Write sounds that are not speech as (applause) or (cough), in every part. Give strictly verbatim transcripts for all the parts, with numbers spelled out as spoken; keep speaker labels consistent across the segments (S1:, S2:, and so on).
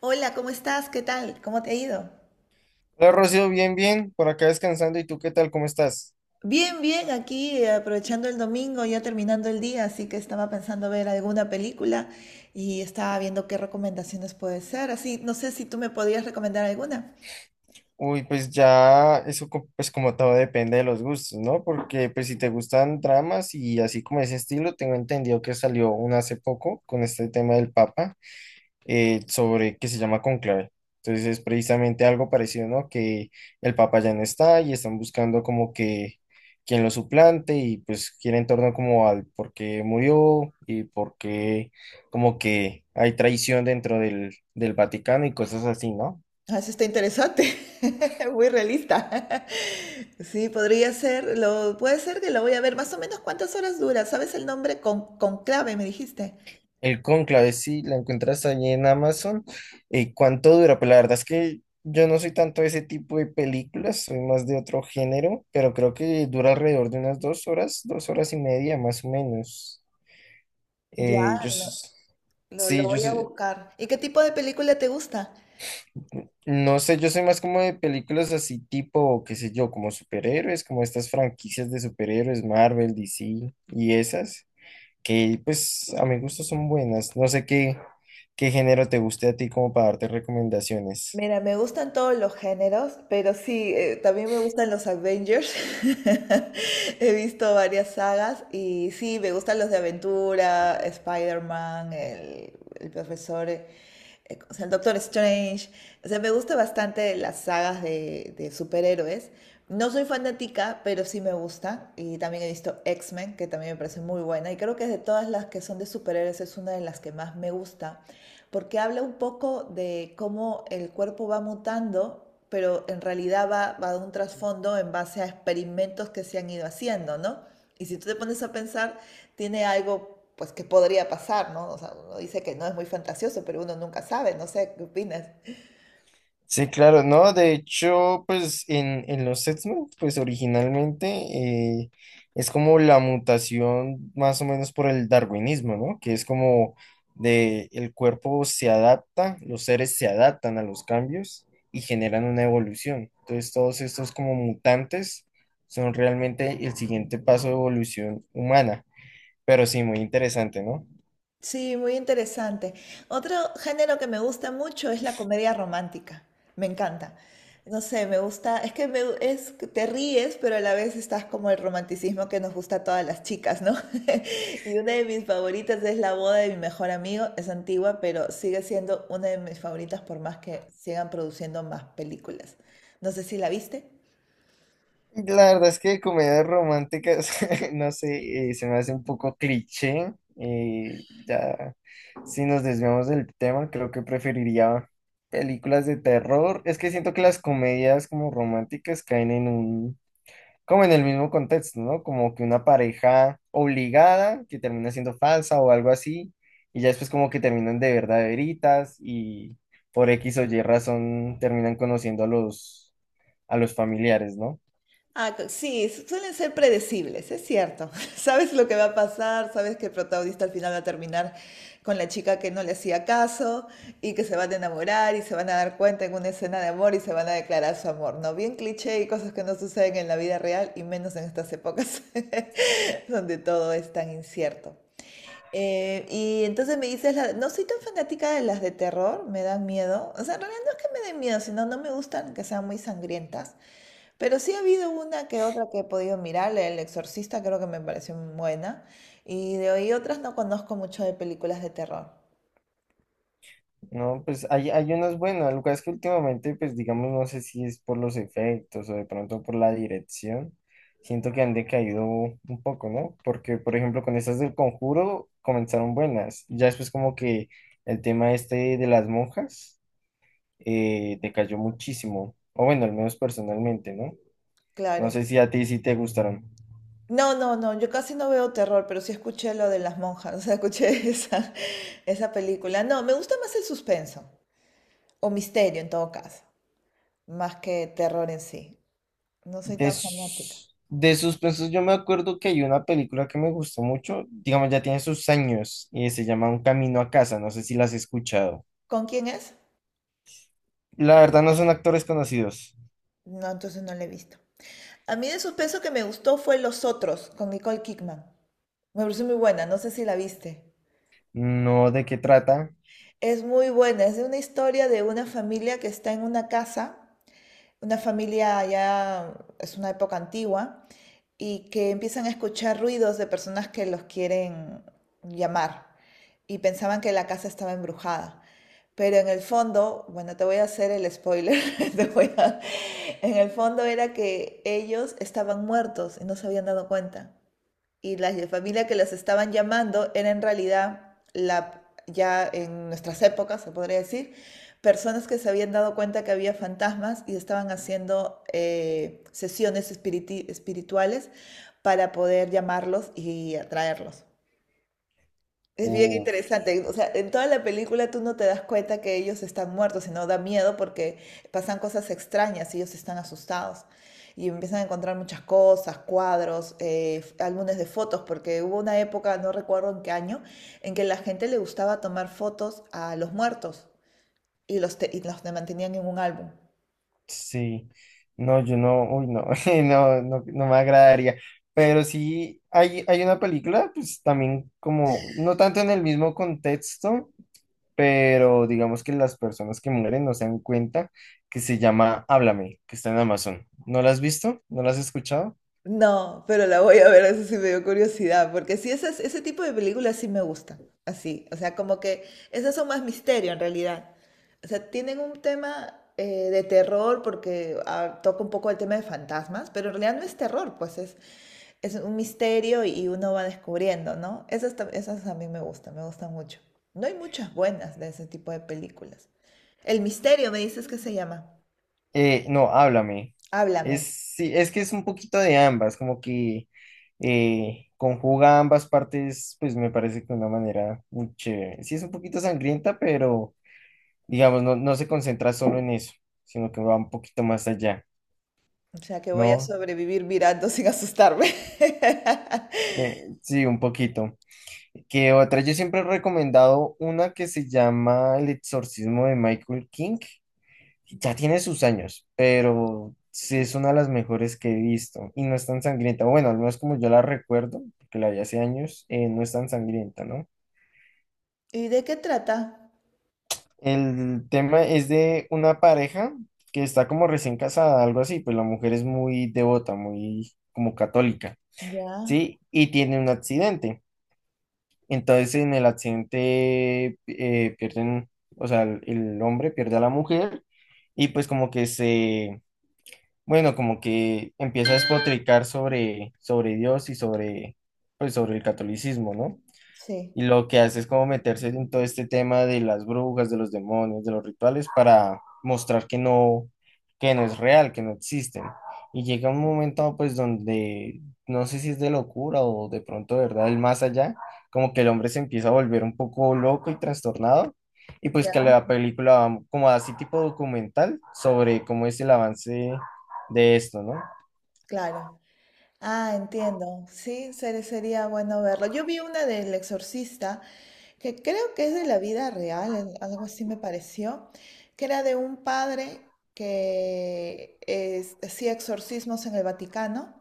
S1: Hola, ¿cómo estás? ¿Qué tal? ¿Cómo te ha ido?
S2: Hola Rocío, bien, bien, por acá descansando. ¿Y tú qué tal? ¿Cómo estás?
S1: Bien, bien, aquí eh, aprovechando el domingo, ya terminando el día, así que estaba pensando ver alguna película y estaba viendo qué recomendaciones puede ser. Así, no sé si tú me podrías recomendar alguna.
S2: Uy, pues ya eso co- pues como todo depende de los gustos, ¿no? Porque pues si te gustan dramas y así como ese estilo, tengo entendido que salió una hace poco con este tema del Papa. Eh, sobre que se llama Conclave. Entonces es precisamente algo parecido, ¿no? Que el Papa ya no está y están buscando como que quien lo suplante y pues gira en torno como al por qué murió y por qué como que hay traición dentro del, del Vaticano y cosas así, ¿no?
S1: Ah, eso está interesante, (laughs) muy realista. (laughs) Sí, podría ser, lo, puede ser que lo voy a ver. Más o menos cuántas horas dura, ¿sabes el nombre? Con, Conclave, me dijiste.
S2: El Cónclave, sí, la encuentras allí en Amazon. ¿Y cuánto dura? Pues la verdad es que yo no soy tanto de ese tipo de películas, soy más de otro género, pero creo que dura alrededor de unas dos horas, dos horas y media más o menos.
S1: Ya,
S2: Eh, yo
S1: lo,
S2: s-
S1: lo, lo
S2: sí, yo
S1: voy a
S2: soy-
S1: buscar. ¿Y qué tipo de película te gusta?
S2: No sé, yo soy más como de películas así tipo, qué sé yo, como superhéroes, como estas franquicias de superhéroes, Marvel, D C y esas, que pues a mi gusto son buenas. No sé qué. Qué género te guste a ti como para darte recomendaciones.
S1: Mira, me gustan todos los géneros, pero sí, eh, también me gustan los Avengers. (laughs) He visto varias sagas y sí, me gustan los de aventura, Spider-Man, el, el profesor, eh, eh, o sea, el Doctor Strange. O sea, me gusta bastante las sagas de, de superhéroes. No soy fanática, pero sí me gusta. Y también he visto X-Men, que también me parece muy buena. Y creo que de todas las que son de superhéroes es una de las que más me gusta, porque habla un poco de cómo el cuerpo va mutando, pero en realidad va, va de un trasfondo en base a experimentos que se han ido haciendo, ¿no? Y si tú te pones a pensar, tiene algo pues que podría pasar, ¿no? O sea, uno dice que no es muy fantasioso, pero uno nunca sabe, no sé, ¿qué opinas?
S2: Sí, claro, no, de hecho, pues en, en los X-Men, pues originalmente eh, es como la mutación más o menos por el darwinismo, ¿no? Que es como de el cuerpo se adapta, los seres se adaptan a los cambios y generan una evolución. Entonces, todos estos como mutantes son realmente el siguiente paso de evolución humana, pero sí, muy interesante, ¿no?
S1: Sí, muy interesante. Otro género que me gusta mucho es la comedia romántica. Me encanta. No sé, me gusta, es que me, es que te ríes, pero a la vez estás como el romanticismo que nos gusta a todas las chicas, ¿no? (laughs) Y una de mis favoritas es La boda de mi mejor amigo. Es antigua, pero sigue siendo una de mis favoritas por más que sigan produciendo más películas. No sé si la viste.
S2: La verdad es que comedias románticas, (laughs) no sé, eh, se me hace un poco cliché. eh, ya, si nos desviamos del tema, creo que preferiría películas de terror. Es que siento que las comedias como románticas caen en un, como en el mismo contexto, ¿no? Como que una pareja obligada que termina siendo falsa o algo así, y ya después como que terminan de verdaderitas y por X o Y razón terminan conociendo a los, a los familiares, ¿no?
S1: Ah, co- sí, su- suelen ser predecibles, es cierto. (laughs) Sabes lo que va a pasar, sabes que el protagonista al final va a terminar con la chica que no le hacía caso, y que se van a enamorar y se van a dar cuenta en una escena de amor y se van a declarar su amor, ¿no? Bien cliché y cosas que no suceden en la vida real y menos en estas épocas (laughs) donde todo es tan incierto. Eh, y entonces me dices, la- no soy tan fanática de las de terror, me dan miedo. O sea, en realidad no es que me den miedo, sino no me gustan que sean muy sangrientas. Pero sí ha habido una que otra que he podido mirar, la El Exorcista creo que me pareció muy buena. Y de hoy otras no conozco mucho de películas de terror.
S2: No, pues hay, hay unas buenas, lo que es que últimamente, pues digamos, no sé si es por los efectos o de pronto por la dirección, siento que han decaído un poco, ¿no? Porque, por ejemplo, con estas del Conjuro comenzaron buenas, ya después como que el tema este de las monjas eh, decayó muchísimo, o bueno, al menos personalmente, ¿no? No
S1: Claro.
S2: sé si a ti sí te gustaron.
S1: No, no, no, yo casi no veo terror, pero sí escuché lo de las monjas, (laughs) o sea, escuché esa, esa película. No, me gusta más el suspenso, o misterio en todo caso, más que terror en sí. No soy
S2: De,
S1: tan fanática.
S2: s- de suspenso, yo me acuerdo que hay una película que me gustó mucho, digamos, ya tiene sus años, y se llama Un Camino a Casa, no sé si las has escuchado.
S1: ¿Con quién es?
S2: La verdad no son actores conocidos.
S1: No, entonces no la he visto. A mí de suspenso que me gustó fue Los Otros, con Nicole Kidman. Me pareció muy buena, no sé si la viste.
S2: No, ¿de qué trata?
S1: Es muy buena, es de una historia de una familia que está en una casa, una familia ya, es una época antigua, y que empiezan a escuchar ruidos de personas que los quieren llamar, y pensaban que la casa estaba embrujada. Pero en el fondo, bueno, te voy a hacer el spoiler, (laughs) te voy a- en el fondo era que ellos estaban muertos y no se habían dado cuenta, y la ll- familia que los estaban llamando era en realidad la, ya en nuestras épocas, se podría decir, personas que se habían dado cuenta que había fantasmas y estaban haciendo eh, sesiones espiriti- espirituales para poder llamarlos y atraerlos. Es bien
S2: Uf,
S1: interesante. O sea, en toda la película tú no te das cuenta que ellos están muertos, sino da miedo porque pasan cosas extrañas y ellos están asustados. Y empiezan a encontrar muchas cosas, cuadros, eh, f- álbumes de fotos, porque hubo una época, no recuerdo en qué año, en que la gente le gustaba tomar fotos a los muertos y los, te- y los mantenían en un álbum.
S2: sí. No, yo no, uy, no, (laughs) no, no, no me agradaría. Pero sí, hay, hay una película, pues también como, no tanto en el mismo contexto, pero digamos que las personas que mueren no se dan cuenta que se llama Háblame, que está en Amazon. ¿No la has visto? ¿No la has escuchado?
S1: No, pero la voy a ver, eso sí me dio curiosidad, porque sí, esas, ese tipo de películas sí me gustan, así, o sea, como que esas son más misterio en realidad. O sea, tienen un tema eh, de terror porque ah, toca un poco el tema de fantasmas, pero en realidad no es terror, pues es, es un misterio y uno va descubriendo, ¿no? Esas, tam- esas a mí me gustan, me gustan mucho. No hay muchas buenas de ese tipo de películas. El misterio, me dices que se llama.
S2: Eh, no, Háblame. Es,
S1: Háblame.
S2: sí, es que es un poquito de ambas, como que eh, conjuga ambas partes, pues me parece que de una manera muy chévere. Sí, es un poquito sangrienta, pero digamos, no, no se concentra solo en eso, sino que va un poquito más allá,
S1: O sea que voy a
S2: ¿no?
S1: sobrevivir mirando sin asustarme. (laughs)
S2: Eh, sí, un poquito. Que otras yo siempre he recomendado una que se llama El exorcismo de Michael King. Ya tiene sus años, pero sí es una de las mejores que he visto y no es tan sangrienta. Bueno, al menos como yo la recuerdo, porque la vi hace años, eh, no es tan sangrienta, ¿no?
S1: ¿Y de qué trata?
S2: El tema es de una pareja que está como recién casada, algo así, pues la mujer es muy devota, muy como católica,
S1: Ya,
S2: ¿sí? Y tiene un accidente. Entonces en el accidente eh, pierden, o sea, el, el hombre pierde a la mujer y pues como que se, bueno, como que empieza a despotricar sobre, sobre Dios y sobre, pues sobre el catolicismo, ¿no?
S1: sí,
S2: Y lo que hace es como meterse en todo este tema de las brujas, de los demonios, de los rituales para mostrar que no, que no es real, que no existen. Y llega un momento pues donde no sé si es de locura o de pronto, de ¿verdad? El más allá, como que el hombre se empieza a volver un poco loco y trastornado. Y pues que
S1: ya,
S2: la película va como así tipo documental sobre cómo es el avance de esto, ¿no?
S1: claro. Ah, entiendo. Sí, ser- sería bueno verlo. Yo vi una del Exorcista, que creo que es de la vida real, el- algo así me pareció, que era de un padre que es- hacía exorcismos en el Vaticano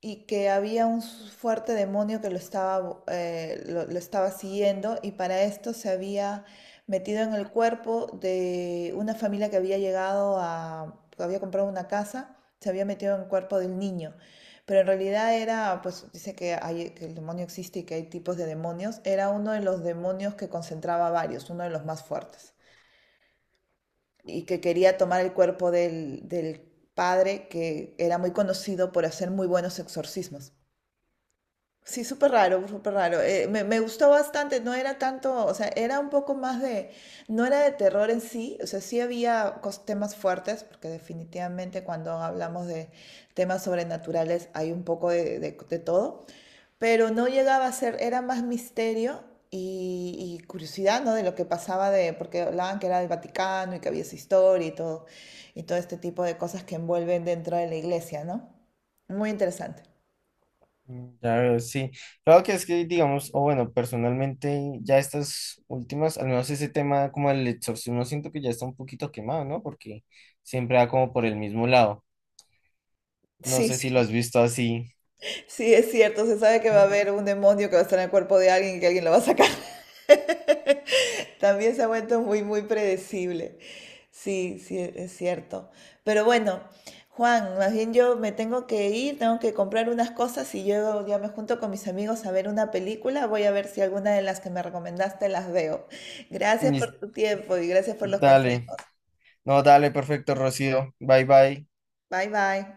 S1: y que había un fuerte demonio que lo estaba, eh, lo, lo estaba siguiendo, y para esto se había metido en el cuerpo de una familia que había llegado a, que había comprado una casa, se había metido en el cuerpo del niño. Pero en realidad era, pues dice que, hay, que el demonio existe y que hay tipos de demonios, era uno de los demonios que concentraba varios, uno de los más fuertes, y que quería tomar el cuerpo del, del padre que era muy conocido por hacer muy buenos exorcismos. Sí, súper raro, súper raro. Eh, me, me gustó bastante, no era tanto, o sea, era un poco más de, no era de terror en sí, o sea, sí había cos- temas fuertes, porque definitivamente cuando hablamos de temas sobrenaturales hay un poco de, de- de todo, pero no llegaba a ser, era más misterio y, y curiosidad, ¿no? De lo que pasaba de, porque hablaban que era del Vaticano y que había esa historia y todo, y todo este tipo de cosas que envuelven dentro de la iglesia, ¿no? Muy interesante.
S2: Mm, ya veo, sí. Claro que es que, digamos, o bueno, personalmente ya estas últimas, al menos ese tema como el exorcismo, siento que ya está un poquito quemado, ¿no? Porque siempre va como por el mismo lado. No sé si lo has visto así.
S1: Sí, es cierto, se sabe que va a
S2: Mm.
S1: haber un demonio que va a estar en el cuerpo de alguien y que alguien lo va a sacar. (laughs) También se ha vuelto muy, muy predecible. Sí, sí, es cierto. Pero bueno, Juan, más bien yo me tengo que ir, tengo que comprar unas cosas y yo ya me junto con mis amigos a ver una película. Voy a ver si alguna de las que me recomendaste las veo. Gracias
S2: Mis-
S1: por tu tiempo y gracias por los
S2: Dale,
S1: consejos.
S2: no, dale, perfecto, Rocío. Bye, bye.
S1: Bye, bye.